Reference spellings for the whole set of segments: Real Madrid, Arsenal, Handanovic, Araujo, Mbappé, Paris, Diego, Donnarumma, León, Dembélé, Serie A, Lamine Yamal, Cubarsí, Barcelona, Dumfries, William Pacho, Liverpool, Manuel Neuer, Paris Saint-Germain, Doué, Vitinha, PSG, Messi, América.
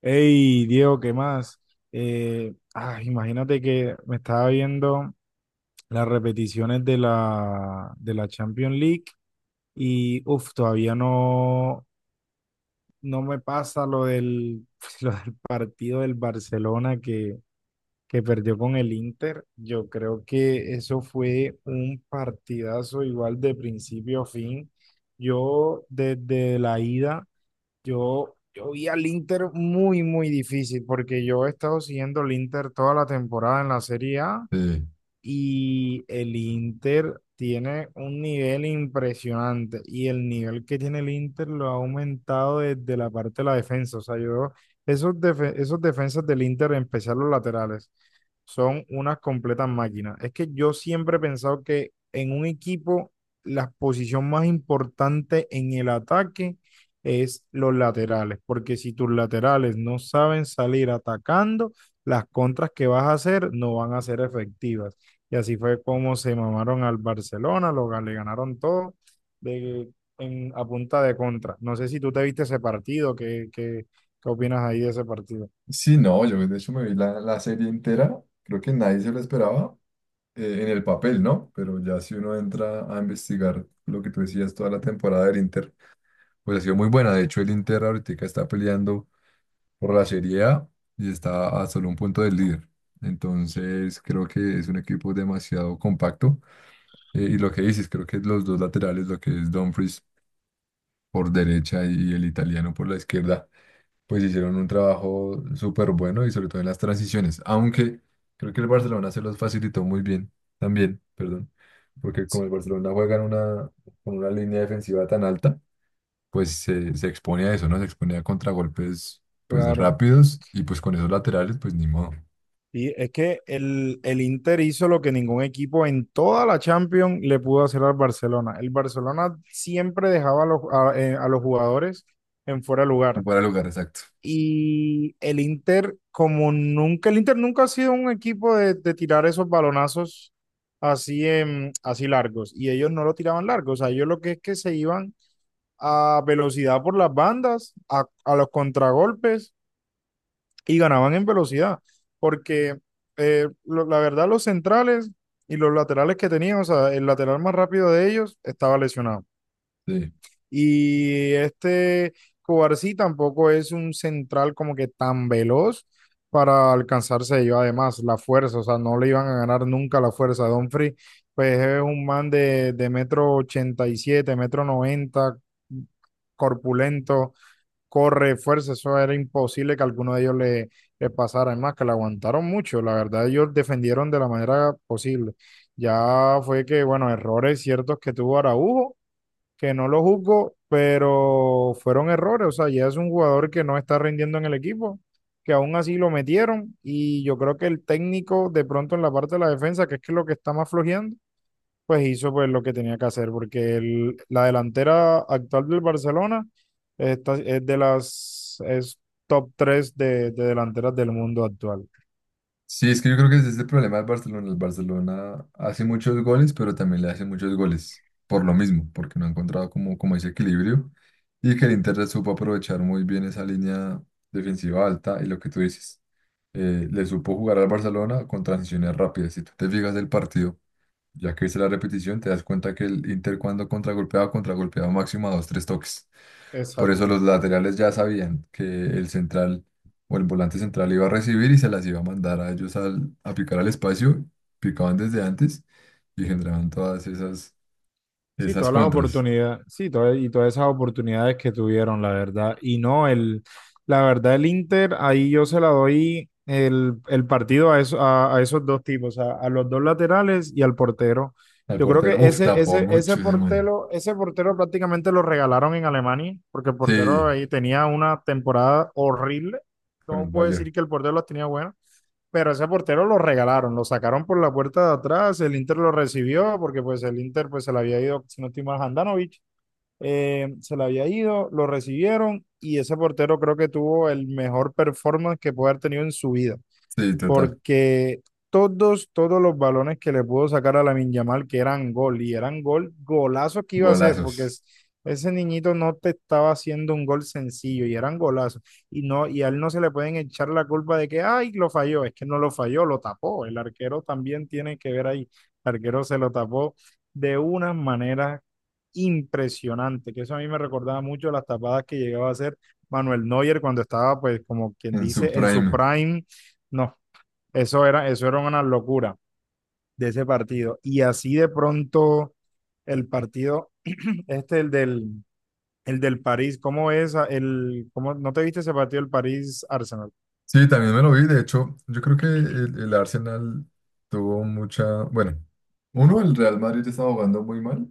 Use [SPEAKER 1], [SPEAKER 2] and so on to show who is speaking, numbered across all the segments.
[SPEAKER 1] Hey, Diego, ¿qué más? Imagínate que me estaba viendo las repeticiones de la Champions League y uf, todavía no, no me pasa lo del, lo del partido del Barcelona que perdió con el Inter. Yo creo que eso fue un partidazo igual de principio a fin. Yo desde la ida. Yo vi al Inter muy difícil porque yo he estado siguiendo al Inter toda la temporada en la Serie A
[SPEAKER 2] Sí,
[SPEAKER 1] y el Inter tiene un nivel impresionante. Y el nivel que tiene el Inter lo ha aumentado desde la parte de la defensa. O sea, esos, esos defensas del Inter, en especial los laterales, son unas completas máquinas. Es que yo siempre he pensado que en un equipo, la posición más importante en el ataque es los laterales. Porque si tus laterales no saben salir atacando, las contras que vas a hacer no van a ser efectivas. Y así fue como se mamaron al Barcelona, le ganaron todo de, a punta de contra. No sé si tú te viste ese partido, ¿ qué opinas ahí de ese partido?
[SPEAKER 2] Sí, no, yo de hecho me vi la serie entera, creo que nadie se lo esperaba en el papel, ¿no? Pero ya si uno entra a investigar lo que tú decías, toda la temporada del Inter, pues ha sido muy buena. De hecho, el Inter ahorita está peleando por la Serie A y está a solo un punto del líder. Entonces, creo que es un equipo demasiado compacto. Y lo que dices, creo que los dos laterales, lo que es Dumfries por derecha y el italiano por la izquierda pues hicieron un trabajo súper bueno y sobre todo en las transiciones, aunque creo que el Barcelona se los facilitó muy bien, también, perdón, porque como el Barcelona juega con una línea defensiva tan alta, pues se expone a eso, ¿no? Se expone a contragolpes pues
[SPEAKER 1] Claro.
[SPEAKER 2] rápidos y pues con esos laterales, pues ni modo,
[SPEAKER 1] Y es que el Inter hizo lo que ningún equipo en toda la Champions le pudo hacer al Barcelona. El Barcelona siempre dejaba a a los jugadores en fuera de
[SPEAKER 2] en
[SPEAKER 1] lugar.
[SPEAKER 2] fuera de lugar, exacto.
[SPEAKER 1] Y el Inter, como nunca, el Inter nunca ha sido un equipo de tirar esos balonazos así largos. Y ellos no lo tiraban largos. O sea, ellos lo que es que se iban a velocidad por las bandas, a los contragolpes y ganaban en velocidad. Porque la verdad, los centrales y los laterales que tenían, o sea, el lateral más rápido de ellos estaba lesionado.
[SPEAKER 2] Sí.
[SPEAKER 1] Y este Cubarsí tampoco es un central como que tan veloz para alcanzarse yo. Además, la fuerza, o sea, no le iban a ganar nunca la fuerza. Dumfries, pues es un man de 1,87 metros, 1,90 metros, corpulento, corre, fuerza, eso era imposible que alguno de ellos le pasara. Además, que le aguantaron mucho, la verdad, ellos defendieron de la manera posible. Ya fue que, bueno, errores ciertos que tuvo Araujo que no lo juzgo, pero fueron errores. O sea, ya es un jugador que no está rindiendo en el equipo, que aún así lo metieron. Y yo creo que el técnico, de pronto en la parte de la defensa, que es que lo que está más flojeando, pues hizo pues lo que tenía que hacer, porque la delantera actual del Barcelona es de las es top 3 de delanteras del mundo actual.
[SPEAKER 2] Sí, es que yo creo que ese es el problema del Barcelona. El Barcelona hace muchos goles, pero también le hace muchos goles por lo mismo, porque no ha encontrado como, como ese equilibrio y que el Inter supo aprovechar muy bien esa línea defensiva alta y lo que tú dices, le supo jugar al Barcelona con transiciones rápidas. Si tú te fijas del partido, ya que viste la repetición, te das cuenta que el Inter cuando contragolpeaba, contragolpeaba máximo a dos, tres toques. Por eso
[SPEAKER 1] Exacto.
[SPEAKER 2] los laterales ya sabían que el central o el volante central iba a recibir y se las iba a mandar a ellos a picar al espacio. Picaban desde antes y generaban
[SPEAKER 1] Sí,
[SPEAKER 2] esas
[SPEAKER 1] todas las
[SPEAKER 2] contras.
[SPEAKER 1] oportunidades, sí, todas, y todas esas oportunidades que tuvieron, la verdad. Y no, el, la verdad, el Inter, ahí yo se la doy el partido a esos dos tipos, a los dos laterales y al portero.
[SPEAKER 2] Al
[SPEAKER 1] Yo creo
[SPEAKER 2] portero,
[SPEAKER 1] que
[SPEAKER 2] uff, tapó mucho ese man.
[SPEAKER 1] ese portero prácticamente lo regalaron en Alemania, porque el portero
[SPEAKER 2] Sí,
[SPEAKER 1] ahí tenía una temporada horrible.
[SPEAKER 2] con el
[SPEAKER 1] No puedo
[SPEAKER 2] Bayern.
[SPEAKER 1] decir que el portero las tenía buenas pero ese portero lo regalaron, lo sacaron por la puerta de atrás, el Inter lo recibió porque pues el Inter pues se le había ido, si no estoy mal, Handanovic, se le había ido, lo recibieron y ese portero creo que tuvo el mejor performance que puede haber tenido en su vida
[SPEAKER 2] Sí, total.
[SPEAKER 1] porque todos los balones que le pudo sacar a Lamine Yamal, que eran gol, y eran gol, golazo que iba a hacer,
[SPEAKER 2] Golazos
[SPEAKER 1] ese niñito no te estaba haciendo un gol sencillo, y eran golazos, y a él no se le pueden echar la culpa de que, ay, lo falló, es que no lo falló, lo tapó, el arquero también tiene que ver ahí, el arquero se lo tapó de una manera impresionante, que eso a mí me recordaba mucho las tapadas que llegaba a hacer Manuel Neuer cuando estaba, pues, como quien
[SPEAKER 2] en su
[SPEAKER 1] dice, en su
[SPEAKER 2] prime.
[SPEAKER 1] prime, no, eso era una locura de ese partido. Y así de pronto el partido, este, el del París, ¿cómo es? ¿No te viste ese partido del París-Arsenal?
[SPEAKER 2] Sí, también me lo vi. De hecho, yo creo que el Arsenal tuvo mucha. Bueno, uno, el Real Madrid estaba jugando muy mal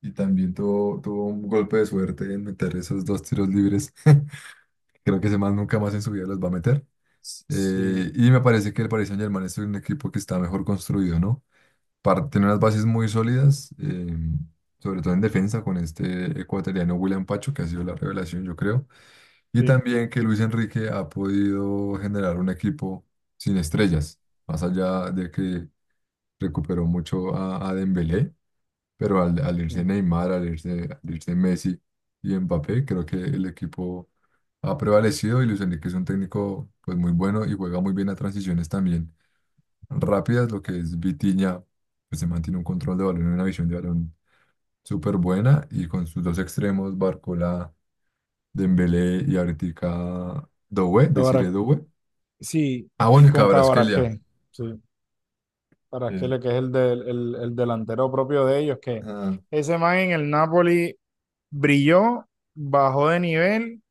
[SPEAKER 2] y también tuvo un golpe de suerte en meter esos dos tiros libres. Creo que ese man nunca más en su vida los va a meter. Eh,
[SPEAKER 1] Sí,
[SPEAKER 2] y me parece que el Paris Saint-Germain es un equipo que está mejor construido, ¿no? Par- tiene unas bases muy sólidas, sobre todo en defensa, con este ecuatoriano William Pacho, que ha sido la revelación, yo creo. Y
[SPEAKER 1] sí,
[SPEAKER 2] también que Luis Enrique ha podido generar un equipo sin estrellas, más allá de que recuperó mucho a Dembélé, pero al irse
[SPEAKER 1] sí.
[SPEAKER 2] Neymar, al irse Messi y Mbappé, creo que el equipo ha prevalecido y Luis Enrique es un técnico pues muy bueno y juega muy bien a transiciones también rápidas, lo que es Vitinha, pues se mantiene un control de balón y una visión de balón súper buena y con sus dos extremos, Barcola, Dembélé y ahorita Doué, deciré
[SPEAKER 1] Cabara-
[SPEAKER 2] Doué.
[SPEAKER 1] sí,
[SPEAKER 2] Ah,
[SPEAKER 1] y
[SPEAKER 2] bueno, y
[SPEAKER 1] con
[SPEAKER 2] Kvaratskhelia,
[SPEAKER 1] Cabarasqué. Sí,
[SPEAKER 2] que es-
[SPEAKER 1] Cabarasquele, que es el delantero propio de ellos, que
[SPEAKER 2] ah,
[SPEAKER 1] ese man en el Napoli brilló, bajó de nivel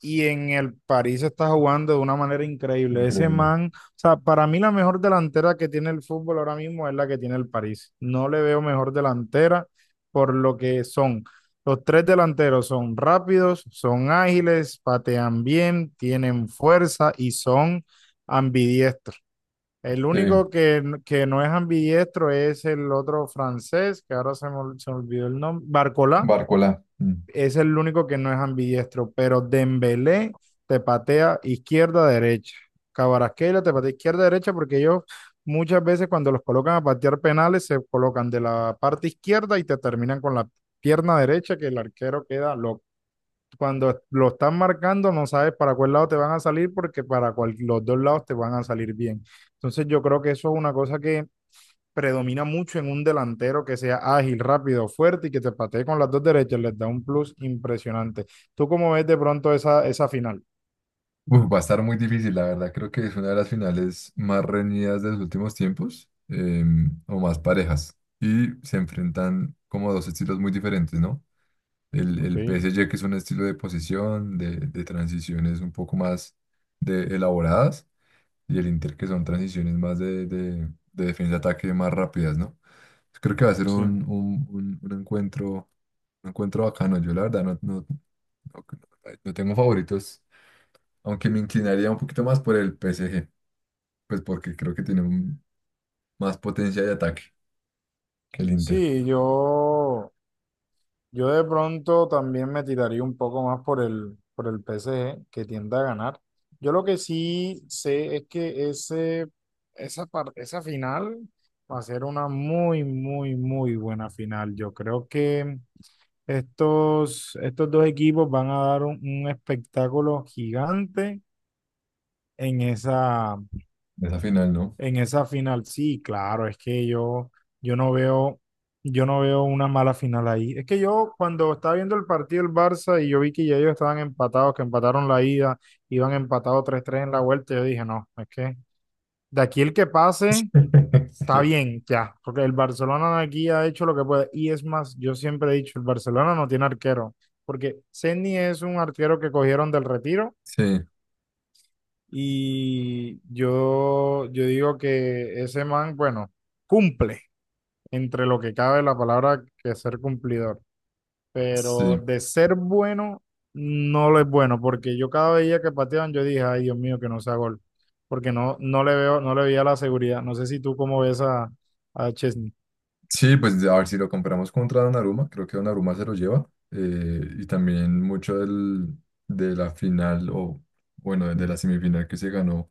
[SPEAKER 1] y en el París está jugando de una manera increíble. Ese
[SPEAKER 2] increíble.
[SPEAKER 1] man, o sea, para mí la mejor delantera que tiene el fútbol ahora mismo es la que tiene el París. No le veo mejor delantera por lo que son. Los tres delanteros son rápidos, son ágiles, patean bien, tienen fuerza y son ambidiestros. El
[SPEAKER 2] Sí,
[SPEAKER 1] único que no es ambidiestro es el otro francés, que ahora se me olvidó el nombre, Barcola
[SPEAKER 2] Barcola. Mm.
[SPEAKER 1] es el único que no es ambidiestro, pero Dembélé te patea izquierda, derecha. Cabarasqueira te patea izquierda, derecha, porque ellos muchas veces cuando los colocan a patear penales se colocan de la parte izquierda y te terminan con la pierna derecha que el arquero queda loco. Cuando lo están marcando no sabes para cuál lado te van a salir porque los dos lados te van a salir bien. Entonces yo creo que eso es una cosa que predomina mucho en un delantero que sea ágil, rápido, fuerte y que te patee con las dos derechas, les da un plus impresionante. ¿Tú cómo ves de pronto esa final?
[SPEAKER 2] Uf, va a estar muy difícil, la verdad. Creo que es una de las finales más reñidas de los últimos tiempos, o más parejas. Y se enfrentan como dos estilos muy diferentes, ¿no? El,
[SPEAKER 1] Ok,
[SPEAKER 2] el PSG, que es un estilo de posesión, de transiciones un poco más elaboradas, y el Inter, que son transiciones más de defensa-ataque más rápidas, ¿no? Pues creo que va a ser
[SPEAKER 1] sí.
[SPEAKER 2] un encuentro bacano. Yo la verdad no, no tengo favoritos, aunque me inclinaría un poquito más por el PSG, pues porque creo que tiene un- más potencia de ataque que el Inter.
[SPEAKER 1] Sí, yo, yo de pronto también me tiraría un poco más por por el PSG, que tiende a ganar. Yo lo que sí sé es que esa final va a ser una muy buena final. Yo creo que estos dos equipos van a dar un espectáculo gigante en
[SPEAKER 2] Esa final, ¿no?
[SPEAKER 1] en esa final. Sí, claro, yo no veo, yo no veo una mala final ahí. Es que yo cuando estaba viendo el partido del Barça y yo vi que ya ellos estaban empatados, que empataron la ida, iban empatados 3-3 en la vuelta, yo dije, no, es que de aquí el que pase Está
[SPEAKER 2] Sí.
[SPEAKER 1] bien, ya, porque el Barcelona aquí ha hecho lo que puede. Y es más, yo siempre he dicho, el Barcelona no tiene arquero, porque Senni es un arquero que cogieron del retiro y yo digo que ese man, bueno, cumple entre lo que cabe la palabra que ser cumplidor,
[SPEAKER 2] Sí,
[SPEAKER 1] pero
[SPEAKER 2] sí.
[SPEAKER 1] de ser bueno, no lo es bueno, porque yo cada día que pateaban, yo dije, ay Dios mío, que no sea gol, porque no le veo, no le veía la seguridad. No sé si tú cómo ves a Chesney.
[SPEAKER 2] Sí, pues a ver si lo compramos contra Donnarumma, creo que Donnarumma se lo lleva. Y también mucho del, de la final, o bueno, de la semifinal que se ganó,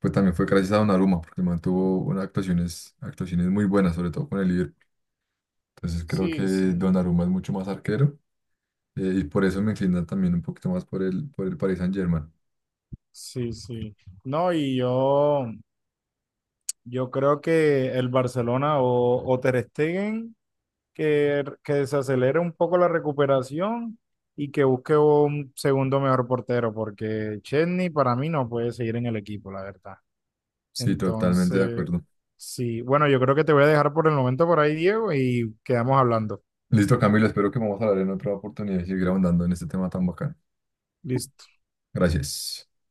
[SPEAKER 2] pues también fue gracias a Donnarumma, porque mantuvo unas actuaciones muy buenas, sobre todo con el Liverpool. Entonces creo que
[SPEAKER 1] Sí, sí,
[SPEAKER 2] Donnarumma es mucho más arquero y por eso me inclina también un poquito más por por el Paris Saint-Germain.
[SPEAKER 1] sí, sí. No, y yo creo que el Barcelona o Ter Stegen, que se acelere un poco la recuperación y que busque un segundo mejor portero, porque Chesney para mí no puede seguir en el equipo, la verdad.
[SPEAKER 2] Sí, totalmente de
[SPEAKER 1] Entonces,
[SPEAKER 2] acuerdo.
[SPEAKER 1] sí, bueno, yo creo que te voy a dejar por el momento por ahí, Diego, y quedamos hablando.
[SPEAKER 2] Listo, Camilo, espero que vamos a hablar en otra oportunidad y seguir ahondando en este tema tan bacán.
[SPEAKER 1] Listo.
[SPEAKER 2] Gracias.